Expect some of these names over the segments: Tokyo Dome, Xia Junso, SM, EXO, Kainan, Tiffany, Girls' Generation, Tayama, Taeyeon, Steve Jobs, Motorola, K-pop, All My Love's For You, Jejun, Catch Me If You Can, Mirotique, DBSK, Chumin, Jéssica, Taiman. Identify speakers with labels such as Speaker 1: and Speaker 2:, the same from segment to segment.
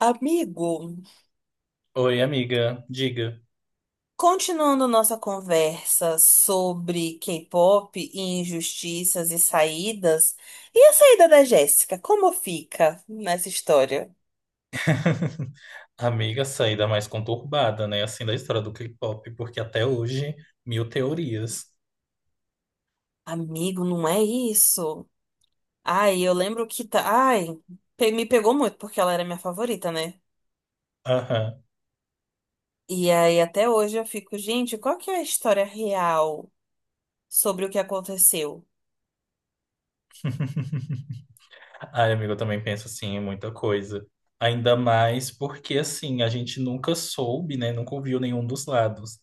Speaker 1: Amigo,
Speaker 2: Oi, amiga, diga.
Speaker 1: continuando nossa conversa sobre K-pop e injustiças e saídas, e a saída da Jéssica, como fica nessa história?
Speaker 2: Amiga, saída mais conturbada, né? Assim, da história do K-pop, porque até hoje, mil teorias.
Speaker 1: Amigo, não é isso. Ai, eu lembro que tá. Ai, me pegou muito porque ela era minha favorita, né?
Speaker 2: Aham.
Speaker 1: E aí até hoje eu fico, gente, qual que é a história real sobre o que aconteceu?
Speaker 2: Ai, amiga, eu também penso assim, em muita coisa. Ainda mais porque, assim, a gente nunca soube, né? Nunca ouviu nenhum dos lados.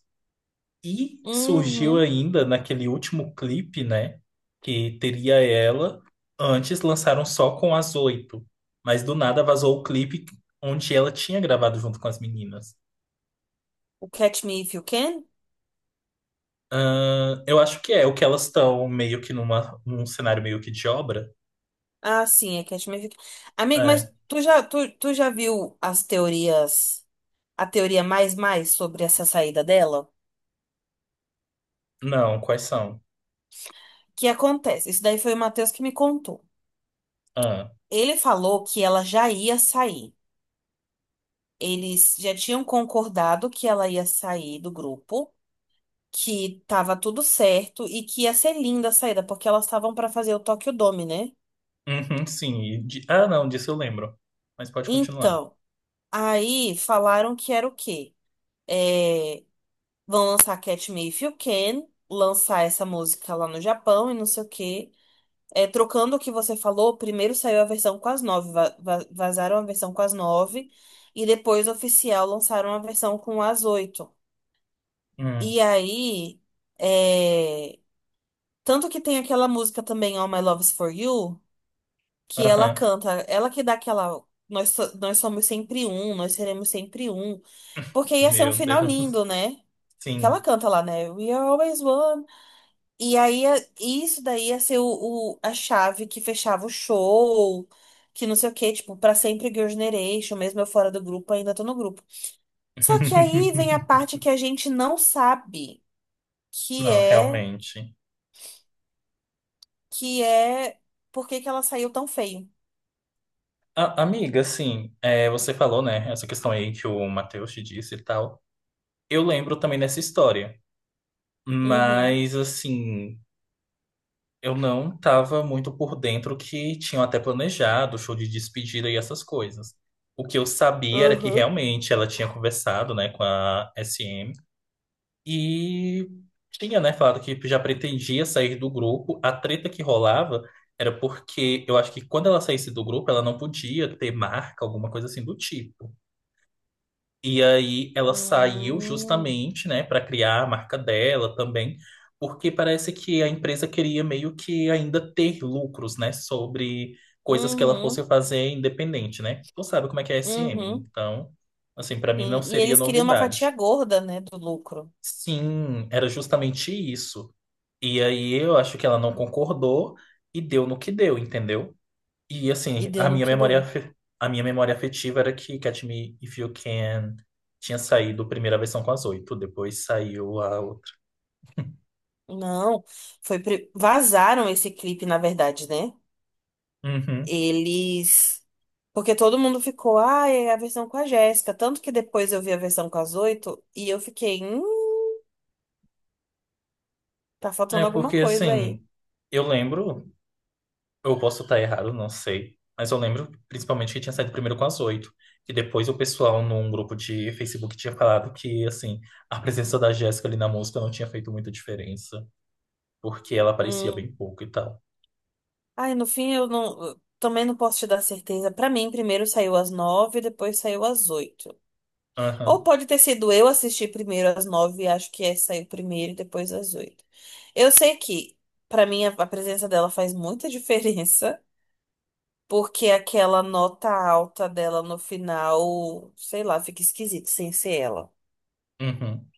Speaker 2: E surgiu
Speaker 1: Uhum.
Speaker 2: ainda naquele último clipe, né? Que teria ela. Antes lançaram só com as oito. Mas do nada vazou o clipe onde ela tinha gravado junto com as meninas.
Speaker 1: O Catch Me If You Can?
Speaker 2: Ah, eu acho que é o que elas estão meio que num cenário meio que de obra.
Speaker 1: Ah, sim, é que as minhas... Amigo, mas
Speaker 2: É.
Speaker 1: tu já viu as teorias, a teoria mais sobre essa saída dela?
Speaker 2: Não, quais são?
Speaker 1: O que acontece? Isso daí foi o Matheus que me contou.
Speaker 2: Ah,
Speaker 1: Ele falou que ela já ia sair. Eles já tinham concordado que ela ia sair do grupo, que tava tudo certo e que ia ser linda a saída, porque elas estavam para fazer o Tokyo Dome, né?
Speaker 2: uhum, sim. Ah, não, disso eu lembro. Mas pode continuar.
Speaker 1: Então, aí falaram que era o quê? É, Vão lançar Catch Me If You Can, lançar essa música lá no Japão e não sei o quê. É, trocando o que você falou, primeiro saiu a versão com as nove, vazaram a versão com as nove, e depois oficial lançaram a versão com as oito.
Speaker 2: Hum.
Speaker 1: E aí, é, tanto que tem aquela música também, All My Love's For You, que ela
Speaker 2: Aham.
Speaker 1: canta, ela que dá aquela. Nós, nós somos sempre um, nós seremos sempre um. Porque ia ser um
Speaker 2: Meu
Speaker 1: final
Speaker 2: Deus.
Speaker 1: lindo, né? Que ela
Speaker 2: Sim.
Speaker 1: canta lá, né? We are always one. E aí, isso daí ia ser a chave que fechava o show, que não sei o quê, tipo, pra sempre Girls' Generation, mesmo eu fora do grupo, ainda tô no grupo. Só que aí vem a parte que a gente não sabe, que
Speaker 2: Não,
Speaker 1: é,
Speaker 2: realmente.
Speaker 1: que é por que que ela saiu tão feio.
Speaker 2: Amiga, assim, é, você falou, né, essa questão aí que o Matheus te disse e tal. Eu lembro também dessa história.
Speaker 1: Uhum.
Speaker 2: Mas, assim. Eu não estava muito por dentro que tinham até planejado show de despedida e essas coisas. O que eu sabia era que
Speaker 1: Aham.
Speaker 2: realmente ela tinha conversado, né, com a SM e tinha, né, falado que já pretendia sair do grupo. A treta que rolava era porque eu acho que quando ela saísse do grupo, ela não podia ter marca, alguma coisa assim do tipo. E aí ela saiu
Speaker 1: Hum,
Speaker 2: justamente, né, para criar a marca dela também, porque parece que a empresa queria meio que ainda ter lucros, né, sobre coisas que ela
Speaker 1: uhum,
Speaker 2: fosse fazer independente, né? Tu sabe como é que é a SM,
Speaker 1: uhum,
Speaker 2: então, assim, para mim não
Speaker 1: sim. E
Speaker 2: seria
Speaker 1: eles queriam uma fatia
Speaker 2: novidade.
Speaker 1: gorda, né, do lucro.
Speaker 2: Sim, era justamente isso. E aí eu acho que ela não concordou e deu no que deu, entendeu? E assim,
Speaker 1: E
Speaker 2: a
Speaker 1: deu no
Speaker 2: minha
Speaker 1: que
Speaker 2: memória,
Speaker 1: deu.
Speaker 2: a minha memória afetiva era que Catch Me If You Can tinha saído a primeira versão com as oito, depois saiu a outra.
Speaker 1: Não, vazaram esse clipe, na verdade, né?
Speaker 2: Uhum.
Speaker 1: Eles. Porque todo mundo ficou, ah, é a versão com a Jéssica. Tanto que depois eu vi a versão com as oito e eu fiquei, tá
Speaker 2: É
Speaker 1: faltando alguma
Speaker 2: porque
Speaker 1: coisa aí.
Speaker 2: assim, eu lembro, eu posso estar errado, não sei, mas eu lembro principalmente que tinha saído primeiro com as oito, que depois o pessoal num grupo de Facebook tinha falado que assim, a presença da Jéssica ali na música não tinha feito muita diferença, porque ela aparecia
Speaker 1: Hum.
Speaker 2: bem pouco e tal.
Speaker 1: Ai, no fim eu não. Eu também não posso te dar certeza. Pra mim, primeiro saiu às nove, depois saiu às oito. Ou
Speaker 2: Aham.
Speaker 1: pode ter sido eu assistir primeiro às nove, e acho que é, saiu primeiro e depois às oito. Eu sei que, pra mim, a presença dela faz muita diferença. Porque aquela nota alta dela no final, sei lá, fica esquisito sem ser ela.
Speaker 2: Uhum.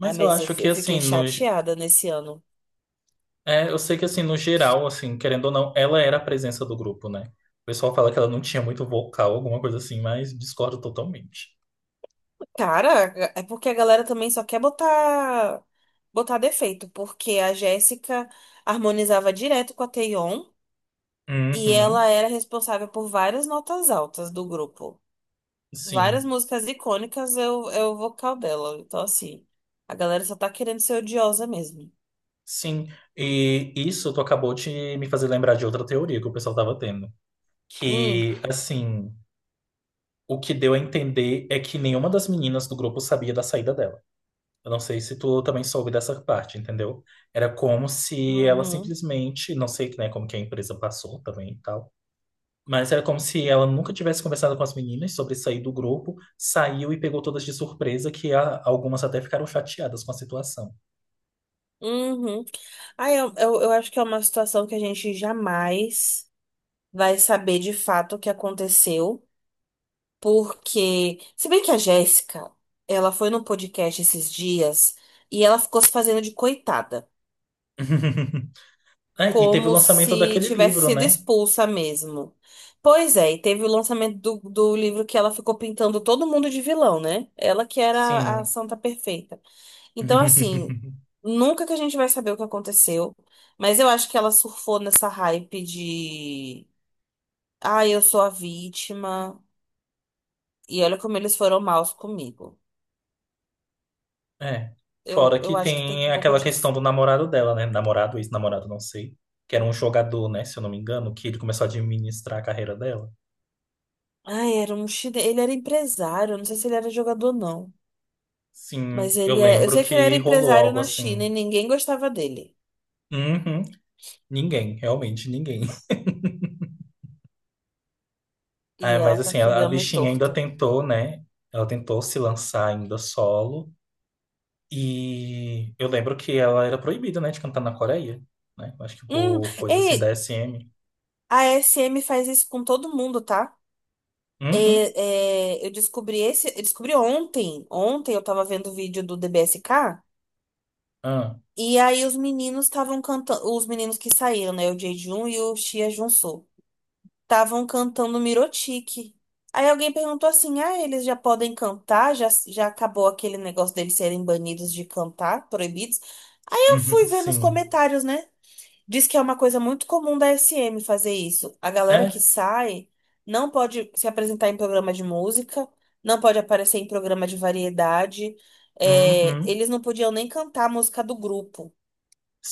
Speaker 1: Ai,
Speaker 2: eu
Speaker 1: mas eu,
Speaker 2: acho que,
Speaker 1: eu
Speaker 2: assim,
Speaker 1: fiquei
Speaker 2: no.
Speaker 1: chateada nesse ano.
Speaker 2: É, eu sei que assim, no geral, assim, querendo ou não, ela era a presença do grupo, né? O pessoal fala que ela não tinha muito vocal, alguma coisa assim, mas discordo totalmente.
Speaker 1: Cara, é porque a galera também só quer botar defeito, porque a Jéssica harmonizava direto com a Taeyeon e ela
Speaker 2: Uhum,
Speaker 1: era responsável por várias notas altas do grupo. Várias
Speaker 2: sim,
Speaker 1: músicas icônicas é o vocal dela. Então, assim, a galera só tá querendo ser odiosa mesmo.
Speaker 2: sim. E isso tu acabou de me fazer lembrar de outra teoria que o pessoal tava tendo.
Speaker 1: Hum,
Speaker 2: Que, assim, o que deu a entender é que nenhuma das meninas do grupo sabia da saída dela. Eu não sei se tu também soube dessa parte, entendeu? Era como se ela
Speaker 1: uhum.
Speaker 2: simplesmente, não sei, né, como que a empresa passou também e tal. Mas era como se ela nunca tivesse conversado com as meninas sobre sair do grupo, saiu e pegou todas de surpresa, que algumas até ficaram chateadas com a situação.
Speaker 1: Uhum. Ah, eu acho que é uma situação que a gente jamais vai saber de fato o que aconteceu, porque, se bem que a Jéssica, ela foi no podcast esses dias e ela ficou se fazendo de coitada,
Speaker 2: É, e teve o
Speaker 1: como
Speaker 2: lançamento
Speaker 1: se
Speaker 2: daquele
Speaker 1: tivesse
Speaker 2: livro,
Speaker 1: sido
Speaker 2: né?
Speaker 1: expulsa mesmo. Pois é, e teve o lançamento do livro que ela ficou pintando todo mundo de vilão, né? Ela que era a
Speaker 2: Sim.
Speaker 1: santa perfeita. Então, assim, nunca que a gente vai saber o que aconteceu, mas eu acho que ela surfou nessa hype de, ah, eu sou a vítima, e olha como eles foram maus comigo.
Speaker 2: É.
Speaker 1: Eu,
Speaker 2: Fora que
Speaker 1: eu acho que tem
Speaker 2: tem
Speaker 1: um pouco
Speaker 2: aquela questão
Speaker 1: disso.
Speaker 2: do namorado dela, né? Namorado, ex-namorado, não sei. Que era um jogador, né? Se eu não me engano, que ele começou a administrar a carreira dela.
Speaker 1: Ah, era um chile... ele era empresário, eu não sei se ele era jogador ou não, mas
Speaker 2: Sim, eu
Speaker 1: ele é, eu
Speaker 2: lembro
Speaker 1: sei que ele era
Speaker 2: que rolou
Speaker 1: empresário
Speaker 2: algo
Speaker 1: na China
Speaker 2: assim.
Speaker 1: e ninguém gostava dele.
Speaker 2: Uhum. Ninguém, realmente ninguém.
Speaker 1: E
Speaker 2: É, mas
Speaker 1: ela com
Speaker 2: assim,
Speaker 1: aquele
Speaker 2: a
Speaker 1: homem
Speaker 2: bichinha ainda
Speaker 1: torto.
Speaker 2: tentou, né? Ela tentou se lançar ainda solo. E eu lembro que ela era proibida, né, de cantar na Coreia, né? Acho que
Speaker 1: Hum,
Speaker 2: por coisa assim da
Speaker 1: ei,
Speaker 2: SM.
Speaker 1: a SM faz isso com todo mundo, tá?
Speaker 2: Uhum.
Speaker 1: Eu descobri eu descobri ontem. Ontem eu tava vendo o vídeo do DBSK
Speaker 2: Ah.
Speaker 1: e aí os meninos estavam cantando, os meninos que saíram, né, o Jejun e o Xia Junso, estavam cantando Mirotique. Aí alguém perguntou assim: "Ah, eles já podem cantar? Já já acabou aquele negócio deles serem banidos de cantar, proibidos?" Aí eu fui vendo os
Speaker 2: Sim.
Speaker 1: comentários, né? Diz que é uma coisa muito comum da SM fazer isso. A galera que
Speaker 2: É.
Speaker 1: sai não pode se apresentar em programa de música, não pode aparecer em programa de variedade. É,
Speaker 2: Uhum.
Speaker 1: eles não podiam nem cantar a música do grupo.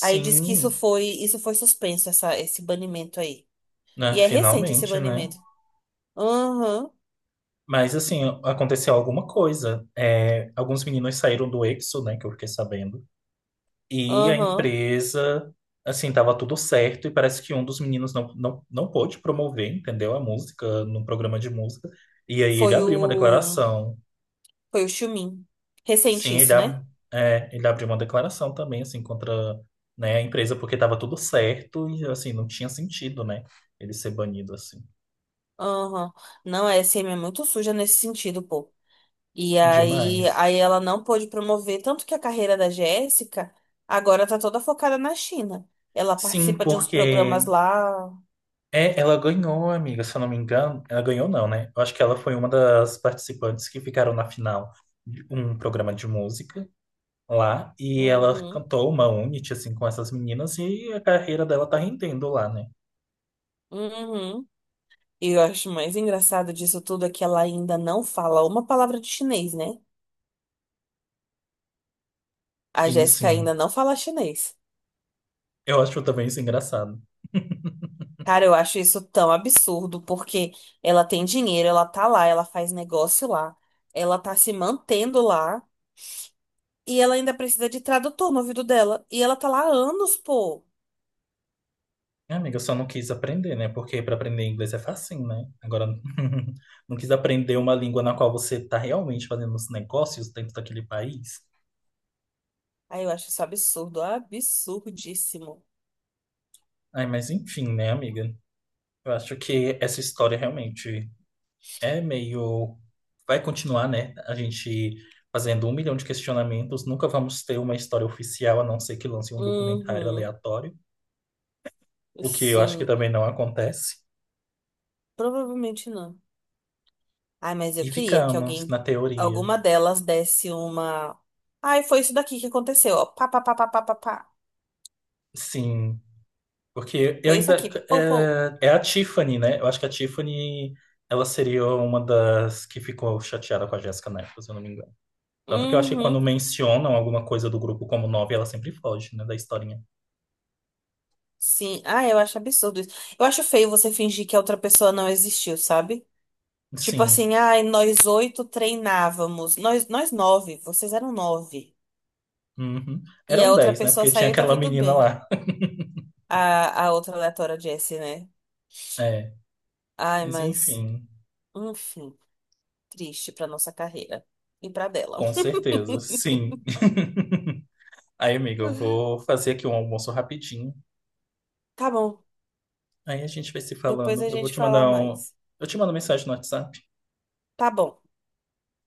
Speaker 1: Aí diz que isso foi suspenso, esse banimento aí.
Speaker 2: Né,
Speaker 1: E é recente esse
Speaker 2: finalmente, né?
Speaker 1: banimento. Aham,
Speaker 2: Mas assim, aconteceu alguma coisa. É, alguns meninos saíram do EXO, né, que eu fiquei sabendo. E a
Speaker 1: aham.
Speaker 2: empresa, assim, tava tudo certo, e parece que um dos meninos não pôde promover, entendeu? A música num programa de música. E aí ele
Speaker 1: Foi
Speaker 2: abriu uma
Speaker 1: o,
Speaker 2: declaração.
Speaker 1: foi o Chumin. Recente
Speaker 2: Sim,
Speaker 1: isso, né?
Speaker 2: é, ele abriu uma declaração também, assim, contra, né, a empresa, porque tava tudo certo e, assim, não tinha sentido, né? Ele ser banido, assim.
Speaker 1: Aham. Não, a SM é muito suja nesse sentido, pô.
Speaker 2: Demais.
Speaker 1: Aí ela não pôde promover, tanto que a carreira da Jéssica agora tá toda focada na China. Ela
Speaker 2: Sim,
Speaker 1: participa de uns programas
Speaker 2: porque
Speaker 1: lá.
Speaker 2: é, ela ganhou, amiga, se eu não me engano. Ela ganhou, não, né? Eu acho que ela foi uma das participantes que ficaram na final de um programa de música lá e ela
Speaker 1: Uhum,
Speaker 2: cantou uma unity assim com essas meninas e a carreira dela tá rendendo lá, né?
Speaker 1: uhum. E eu acho mais engraçado disso tudo é que ela ainda não fala uma palavra de chinês, né? A
Speaker 2: Sim,
Speaker 1: Jéssica
Speaker 2: sim.
Speaker 1: ainda não fala chinês.
Speaker 2: Eu acho também isso engraçado.
Speaker 1: Cara, eu acho isso tão absurdo, porque ela tem dinheiro, ela tá lá, ela faz negócio lá, ela tá se mantendo lá, e ela ainda precisa de tradutor no ouvido dela. E ela tá lá há anos, pô.
Speaker 2: Minha Amiga, eu só não quis aprender, né? Porque para aprender inglês é facinho, né? Agora, não quis aprender uma língua na qual você tá realmente fazendo os negócios dentro daquele país.
Speaker 1: Aí eu acho isso absurdo, absurdíssimo.
Speaker 2: Ai, mas enfim, né, amiga? Eu acho que essa história realmente é meio. Vai continuar, né? A gente fazendo um milhão de questionamentos. Nunca vamos ter uma história oficial, a não ser que lance um documentário
Speaker 1: Uhum,
Speaker 2: aleatório, o que eu acho que
Speaker 1: sim,
Speaker 2: também não acontece.
Speaker 1: provavelmente não. Ai, mas eu
Speaker 2: E
Speaker 1: queria que
Speaker 2: ficamos na
Speaker 1: alguém,
Speaker 2: teoria.
Speaker 1: alguma delas desse uma. Ai, foi isso daqui que aconteceu, ó. Pá, pá, pá, pá, pá, pá, pá.
Speaker 2: Sim, porque eu
Speaker 1: Foi isso
Speaker 2: ainda.
Speaker 1: aqui, pou, pou.
Speaker 2: É, é a Tiffany, né? Eu acho que a Tiffany. Ela seria uma das que ficou chateada com a Jéssica Neto, se eu não me engano. Tanto que eu acho que
Speaker 1: Uhum,
Speaker 2: quando mencionam alguma coisa do grupo como nove, ela sempre foge, né, da historinha.
Speaker 1: sim. Ai, eu acho absurdo isso. Eu acho feio você fingir que a outra pessoa não existiu, sabe? Tipo
Speaker 2: Sim.
Speaker 1: assim, ai, nós oito treinávamos, nós nove, vocês eram nove.
Speaker 2: Uhum.
Speaker 1: E a
Speaker 2: Eram
Speaker 1: outra
Speaker 2: 10 né?
Speaker 1: pessoa
Speaker 2: Porque tinha
Speaker 1: saiu e tá
Speaker 2: aquela
Speaker 1: tudo
Speaker 2: menina
Speaker 1: bem.
Speaker 2: lá.
Speaker 1: A outra aleatória é Jessie, né?
Speaker 2: É,
Speaker 1: Ai,
Speaker 2: mas
Speaker 1: mas,
Speaker 2: enfim,
Speaker 1: enfim, triste pra nossa carreira e pra dela.
Speaker 2: com certeza, sim. Aí, amiga, eu vou fazer aqui um almoço rapidinho.
Speaker 1: Tá bom,
Speaker 2: Aí a gente vai se
Speaker 1: depois
Speaker 2: falando.
Speaker 1: a
Speaker 2: Eu vou
Speaker 1: gente
Speaker 2: te
Speaker 1: fala
Speaker 2: mandar um.
Speaker 1: mais.
Speaker 2: Eu te mando mensagem no WhatsApp.
Speaker 1: Tá bom,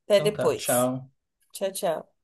Speaker 1: até
Speaker 2: Então tá,
Speaker 1: depois.
Speaker 2: tchau.
Speaker 1: Tchau, tchau.